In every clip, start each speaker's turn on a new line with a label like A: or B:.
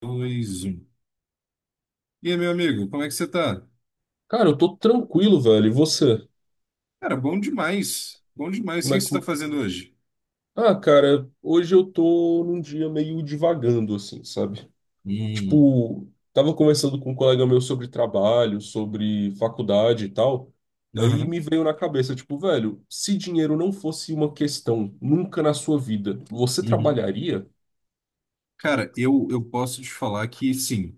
A: Dois, um. E aí, meu amigo, como é que você tá?
B: Cara, eu tô tranquilo, velho. E você?
A: Cara, bom demais. Bom demais. O
B: Como
A: que
B: é
A: você tá
B: que...
A: fazendo hoje?
B: Ah, cara, hoje eu tô num dia meio divagando, assim, sabe?
A: Hum.
B: Tipo, tava conversando com um colega meu sobre trabalho, sobre faculdade e tal. Aí
A: Aham.
B: me veio na cabeça, tipo, velho, se dinheiro não fosse uma questão nunca na sua vida, você
A: Uhum.
B: trabalharia?
A: Cara, eu posso te falar que sim.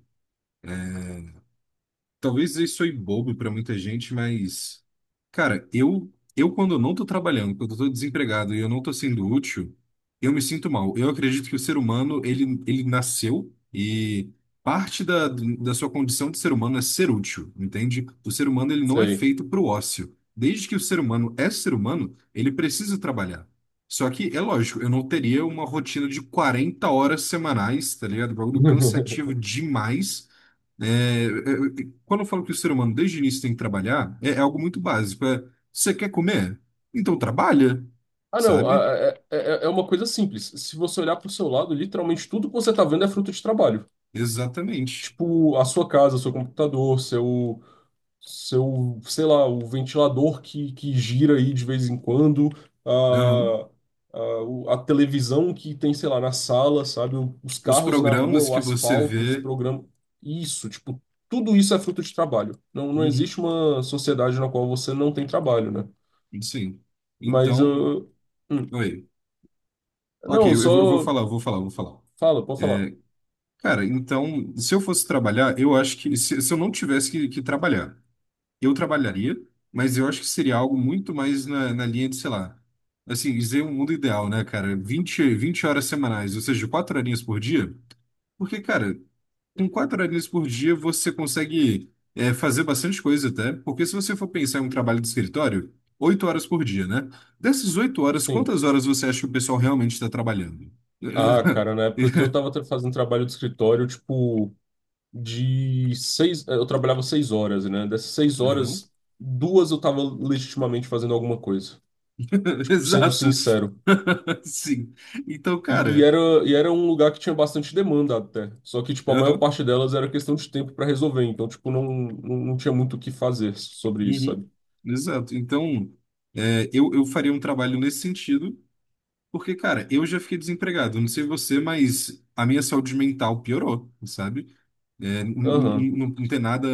A: Talvez isso soe bobo pra muita gente, mas, cara, eu quando eu não tô trabalhando, quando eu tô desempregado e eu não tô sendo útil, eu me sinto mal. Eu acredito que o ser humano, ele nasceu e parte da sua condição de ser humano é ser útil, entende? O ser humano, ele não é
B: Sei.
A: feito pro ócio. Desde que o ser humano é ser humano, ele precisa trabalhar. Só que, é lógico, eu não teria uma rotina de 40 horas semanais, tá ligado? Bagulho cansativo demais. Quando eu falo que o ser humano desde o início tem que trabalhar, é, é algo muito básico. É, você quer comer? Então trabalha,
B: Ah, não,
A: sabe?
B: é uma coisa simples. Se você olhar para o seu lado, literalmente tudo que você tá vendo é fruto de trabalho.
A: Exatamente.
B: Tipo, a sua casa, seu computador, seu, sei lá, o ventilador que gira aí de vez em quando, a,
A: Aham.
B: a televisão que tem, sei lá, na sala, sabe? Os
A: Os
B: carros na rua,
A: programas
B: o
A: que você
B: asfalto, os
A: vê.
B: programas. Isso, tipo, tudo isso é fruto de trabalho. Não, não existe
A: Uhum.
B: uma sociedade na qual você não tem trabalho, né?
A: Sim.
B: Mas
A: Então.
B: eu. Hum.
A: Oi. Ok,
B: Não, eu só.
A: eu vou falar.
B: Fala, pode falar.
A: É, cara, então, se eu fosse trabalhar, eu acho que se eu não tivesse que trabalhar. Eu trabalharia, mas eu acho que seria algo muito mais na linha de, sei lá, assim, dizer um mundo ideal, né, cara? Vinte horas semanais, ou seja, 4 horinhas por dia. Porque, cara, com 4 horinhas por dia você consegue é, fazer bastante coisa até, porque se você for pensar em um trabalho de escritório, 8 horas por dia, né? Dessas 8 horas,
B: Sim.
A: quantas horas você acha que o pessoal realmente está trabalhando?
B: Ah, cara, na época que eu tava fazendo trabalho de escritório, tipo. Eu trabalhava 6 horas, né? Dessas seis
A: Aham.
B: horas, duas eu estava legitimamente fazendo alguma coisa, sendo
A: Exato.
B: sincero.
A: Sim. Então,
B: E, e
A: cara.
B: era, e era um lugar que tinha bastante demanda até. Só que, tipo, a maior
A: Aham.
B: parte delas era questão de tempo para resolver. Então, tipo, não tinha muito o que fazer sobre isso,
A: Uhum.
B: sabe?
A: Exato. Então, é, eu faria um trabalho nesse sentido, porque, cara, eu já fiquei desempregado. Não sei você, mas a minha saúde mental piorou, sabe? É,
B: Aham,
A: não, tem nada,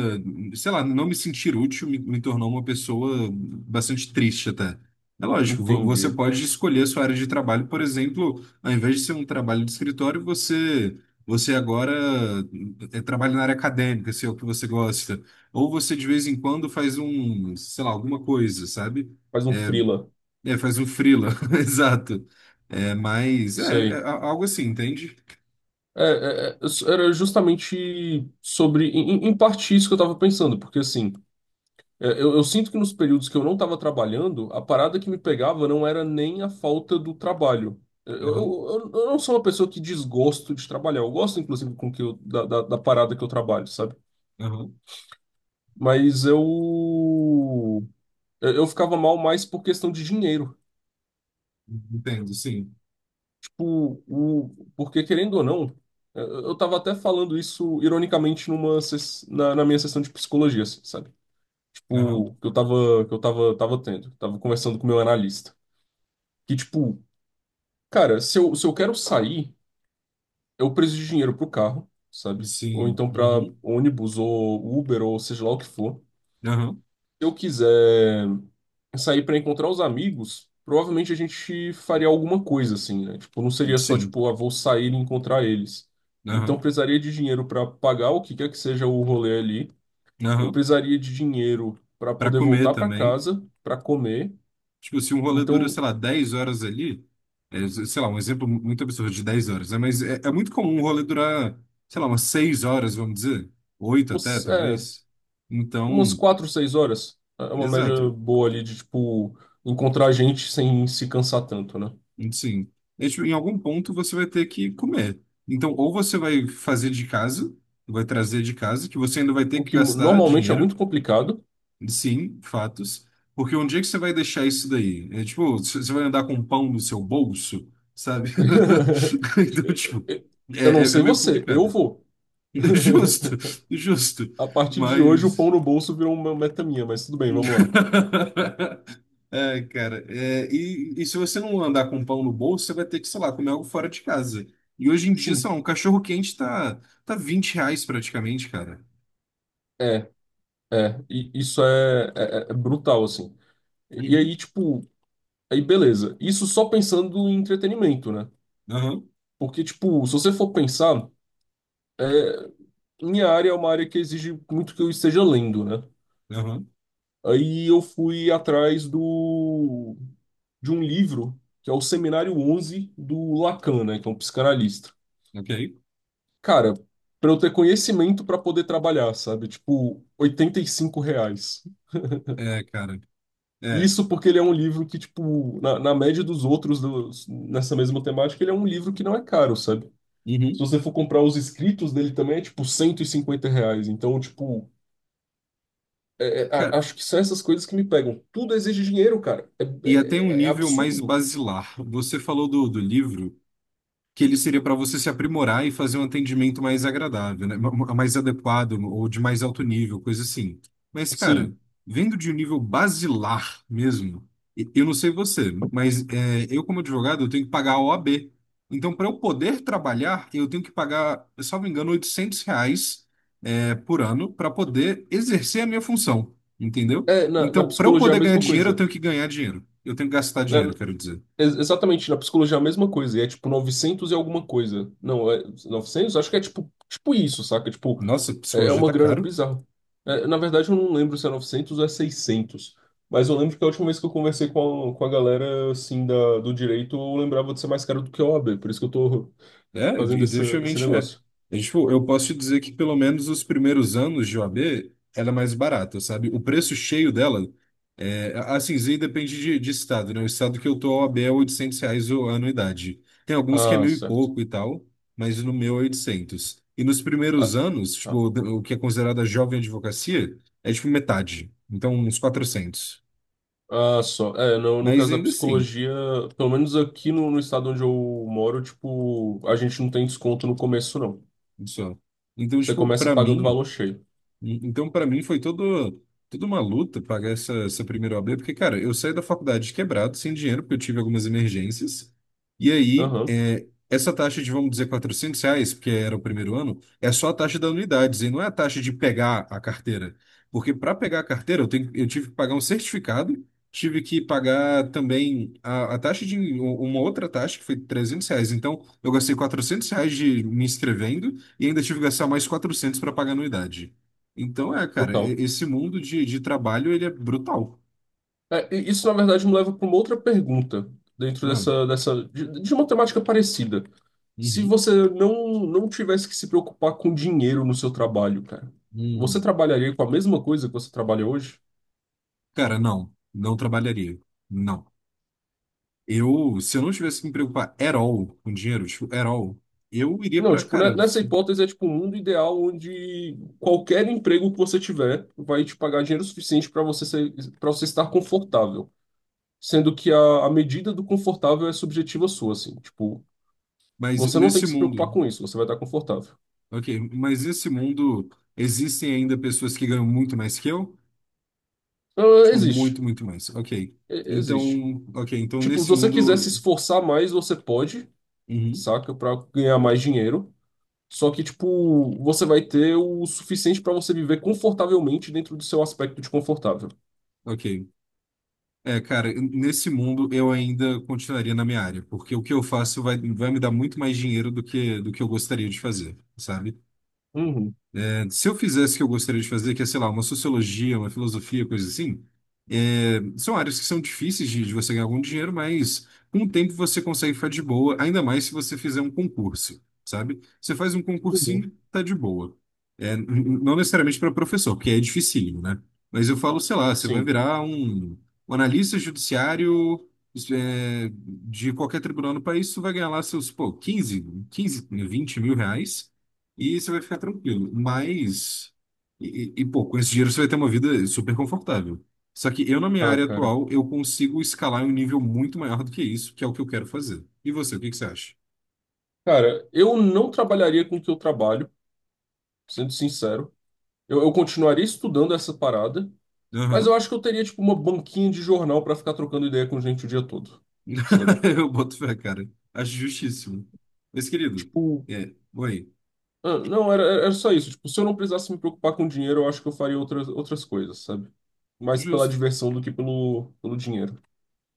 A: sei lá, não me sentir útil me tornou uma pessoa bastante triste até. É lógico, você
B: entendi.
A: pode escolher a sua área de trabalho, por exemplo, ao invés de ser um trabalho de escritório, você agora trabalha na área acadêmica, se é o que você gosta. Ou você de vez em quando faz um, sei lá, alguma coisa, sabe?
B: Faz um freela.
A: É, faz um freela, exato. É, mas é,
B: Sei.
A: é algo assim, entende?
B: É, é, é, era justamente sobre, em parte isso que eu tava pensando, porque assim, é, eu sinto que nos períodos que eu não estava trabalhando, a parada que me pegava não era nem a falta do trabalho. Eu,
A: Aham,
B: eu, eu eu não sou uma pessoa que desgosto de trabalhar. Eu gosto, inclusive, com que eu, da parada que eu trabalho, sabe?
A: aham.
B: Mas eu, eu ficava mal mais por questão de dinheiro.
A: Entendo, sim.
B: Tipo, o, porque querendo ou não, eu tava até falando isso ironicamente na minha sessão de psicologia, assim, sabe?
A: Aham.
B: Tipo, que eu tava, tava tendo, tava conversando com o meu analista. Que, tipo, cara, se eu quero sair, eu preciso de dinheiro pro carro, sabe? Ou
A: Sim.
B: então pra
A: Uhum.
B: ônibus ou Uber ou seja lá o que for.
A: Aham.
B: Se eu quiser sair pra encontrar os amigos, provavelmente a gente faria alguma coisa assim, né? Tipo, não seria só
A: Sim.
B: tipo, ah, vou sair e encontrar eles. Então
A: Aham.
B: precisaria de dinheiro pra pagar o que quer que seja o rolê ali. Eu
A: Aham.
B: precisaria de dinheiro pra
A: Para
B: poder
A: comer
B: voltar pra
A: também.
B: casa, pra comer.
A: Tipo, se um rolê dura,
B: Então,
A: sei lá, 10 horas ali, é, sei lá, um exemplo muito absurdo de 10 horas, né? Mas é muito comum um rolê durar, sei lá, umas 6 horas, vamos dizer. Oito até,
B: é,
A: talvez.
B: umas
A: Então,
B: quatro, seis horas. É uma média
A: exato.
B: boa ali de, tipo, encontrar gente sem se cansar tanto, né?
A: Sim. É, tipo, em algum ponto você vai ter que comer. Então, ou você vai fazer de casa, vai trazer de casa, que você ainda vai ter
B: O
A: que
B: que
A: gastar
B: normalmente é
A: dinheiro.
B: muito complicado.
A: Sim, fatos. Porque onde é que você vai deixar isso daí? É tipo, você vai andar com um pão no seu bolso, sabe? Então, tipo, é,
B: Eu não
A: é
B: sei
A: meio
B: você, eu
A: complicado.
B: vou.
A: Justo, justo.
B: A partir de hoje, o
A: Mas.
B: pão no bolso virou uma meta minha, mas tudo bem, vamos lá.
A: É, cara. É, e se você não andar com um pão no bolso, você vai ter que, sei lá, comer algo fora de casa. E hoje em dia, sei
B: Sim,
A: lá, um cachorro quente tá R$ 20 praticamente, cara.
B: é, E isso é brutal, assim. E
A: Uhum.
B: aí, tipo, aí beleza. Isso só pensando em entretenimento, né?
A: Aham,
B: Porque, tipo, se você for pensar, minha área é uma área que exige muito que eu esteja lendo, né?
A: aham,
B: Aí eu fui atrás de um livro, que é o Seminário 11 do Lacan, né, que é um psicanalista.
A: ok.
B: Cara, para eu ter conhecimento para poder trabalhar, sabe? Tipo, R$ 85.
A: É, cara. É.
B: Isso porque ele é um livro que, tipo, na média dos outros nessa mesma temática, ele é um livro que não é caro, sabe? Se
A: Uhum.
B: você for comprar os escritos dele também, é tipo R$ 150. Então, tipo, acho que são essas coisas que me pegam. Tudo exige dinheiro, cara. É,
A: E até um
B: é
A: nível mais
B: absurdo.
A: basilar. Você falou do livro que ele seria para você se aprimorar e fazer um atendimento mais agradável, né? Mais adequado ou de mais alto nível, coisa assim. Mas, cara,
B: Sim.
A: vendo de um nível basilar mesmo, eu não sei você, mas é, eu, como advogado, eu tenho que pagar a OAB. Então, para eu poder trabalhar, eu tenho que pagar, salvo engano, R$ 800 é, por ano para poder exercer a minha função, entendeu?
B: É, na
A: Então, para eu
B: psicologia é a
A: poder ganhar
B: mesma
A: dinheiro, eu
B: coisa.
A: tenho que ganhar dinheiro. Eu tenho que gastar
B: Na-
A: dinheiro,
B: na-
A: quero dizer.
B: exatamente, na psicologia é a mesma coisa. E é tipo 900 e alguma coisa. Não, é 900? Acho que é tipo isso, saca? Tipo,
A: Nossa,
B: é, é
A: psicologia
B: uma
A: tá
B: grana
A: caro.
B: bizarra. É, na verdade, eu não lembro se é 900 ou é 600. Mas eu lembro que a última vez que eu conversei com a galera, assim, do direito, eu lembrava de ser mais caro do que a OAB. Por isso que eu tô
A: É,
B: fazendo
A: e
B: esse
A: definitivamente é.
B: negócio.
A: E, tipo, eu posso te dizer que pelo menos os primeiros anos de OAB, ela é mais barata, sabe? O preço cheio dela, é, assim, isso aí depende de estado, né? O estado que eu tô, a OAB é R$ 800 a anuidade. Tem alguns que é
B: Ah,
A: mil e
B: certo.
A: pouco e tal, mas no meu é 800. E nos primeiros
B: Ah,
A: anos, tipo, o que é considerada jovem advocacia, é tipo metade. Então, uns 400.
B: Ah, só. É, no
A: Mas
B: caso da
A: ainda assim,
B: psicologia, pelo menos aqui no estado onde eu moro, tipo, a gente não tem desconto no começo, não.
A: só. Então,
B: Você
A: tipo,
B: começa
A: pra
B: pagando
A: mim...
B: valor cheio.
A: Então, para mim, foi todo, toda uma luta pagar essa primeira OAB, porque, cara, eu saí da faculdade quebrado, sem dinheiro, porque eu tive algumas emergências. E aí,
B: Aham,
A: é, essa taxa de, vamos dizer, R$ 400, porque era o primeiro ano, é só a taxa da unidade, e não é a taxa de pegar a carteira. Porque para pegar a carteira, eu tive que pagar um certificado, tive que pagar também a taxa de um, uma outra taxa, que foi R$ 300. Então, eu gastei R$ 400 de me inscrevendo e ainda tive que gastar mais 400 para pagar a anuidade. Então é, cara,
B: total.
A: esse mundo de trabalho, ele é brutal.
B: É, e isso, na verdade, me leva para uma outra pergunta, dentro
A: Ah,
B: de uma temática parecida. Se
A: uhum.
B: você não tivesse que se preocupar com dinheiro no seu trabalho, cara, você
A: Hum.
B: trabalharia com a mesma coisa que você trabalha hoje?
A: Cara, não, não trabalharia. Não. Eu, se eu não tivesse que me preocupar at all com dinheiro, tipo, at all, eu iria
B: Não,
A: pra,
B: tipo,
A: cara,
B: nessa
A: isso-
B: hipótese é tipo um mundo ideal onde qualquer emprego que você tiver vai te pagar dinheiro suficiente para você ser, para você estar confortável, sendo que a medida do confortável é subjetiva sua, assim, tipo,
A: mas
B: você não tem
A: nesse
B: que se preocupar
A: mundo,
B: com isso, você vai estar confortável.
A: ok, mas nesse mundo existem ainda pessoas que ganham muito mais que eu?
B: Ah,
A: Tipo,
B: existe.
A: muito, muito mais, ok.
B: E-
A: Então,
B: existe.
A: ok, então
B: Tipo, se
A: nesse
B: você quiser se
A: mundo,
B: esforçar mais, você pode,
A: uhum,
B: saca, para ganhar mais dinheiro. Só que, tipo, você vai ter o suficiente para você viver confortavelmente dentro do seu aspecto de confortável.
A: ok. É, cara, nesse mundo eu ainda continuaria na minha área, porque o que eu faço vai, vai me dar muito mais dinheiro do que eu gostaria de fazer, sabe?
B: Uhum,
A: É, se eu fizesse o que eu gostaria de fazer, que é, sei lá, uma sociologia, uma filosofia, coisa assim, é, são áreas que são difíceis de você ganhar algum dinheiro, mas com o tempo você consegue ficar de boa, ainda mais se você fizer um concurso, sabe? Você faz um
B: uhum.
A: concursinho, tá de boa. É, não necessariamente para professor, porque é dificílimo, né? Mas eu falo, sei lá, você vai
B: Sim.
A: virar um, um analista judiciário isso é, de qualquer tribunal no país, você vai ganhar lá seus, pô, 15, 20 mil reais. E você vai ficar tranquilo. Mas, pô, com esse dinheiro você vai ter uma vida super confortável. Só que eu, na minha
B: Ah,
A: área
B: cara.
A: atual, eu consigo escalar em um nível muito maior do que isso, que é o que eu quero fazer. E você, o que que você acha?
B: Cara, eu não trabalharia com o que eu trabalho, sendo sincero. Eu continuaria estudando essa parada, mas eu
A: Aham.
B: acho que eu teria, tipo, uma banquinha de jornal pra ficar trocando ideia com gente o dia todo, sabe?
A: Eu boto fé, cara. Acho justíssimo. Mas, querido,
B: Tipo,
A: é, oi,
B: ah, não, era só isso. Tipo, se eu não precisasse me preocupar com dinheiro, eu acho que eu faria outras, outras coisas, sabe? Mais pela
A: justo,
B: diversão do que pelo dinheiro.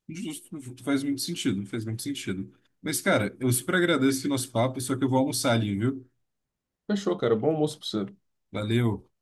A: justo, faz muito sentido, faz muito sentido. Mas, cara, eu super agradeço esse nosso papo, só que eu vou almoçar ali, viu?
B: Fechou, cara. Bom almoço pra você.
A: Valeu.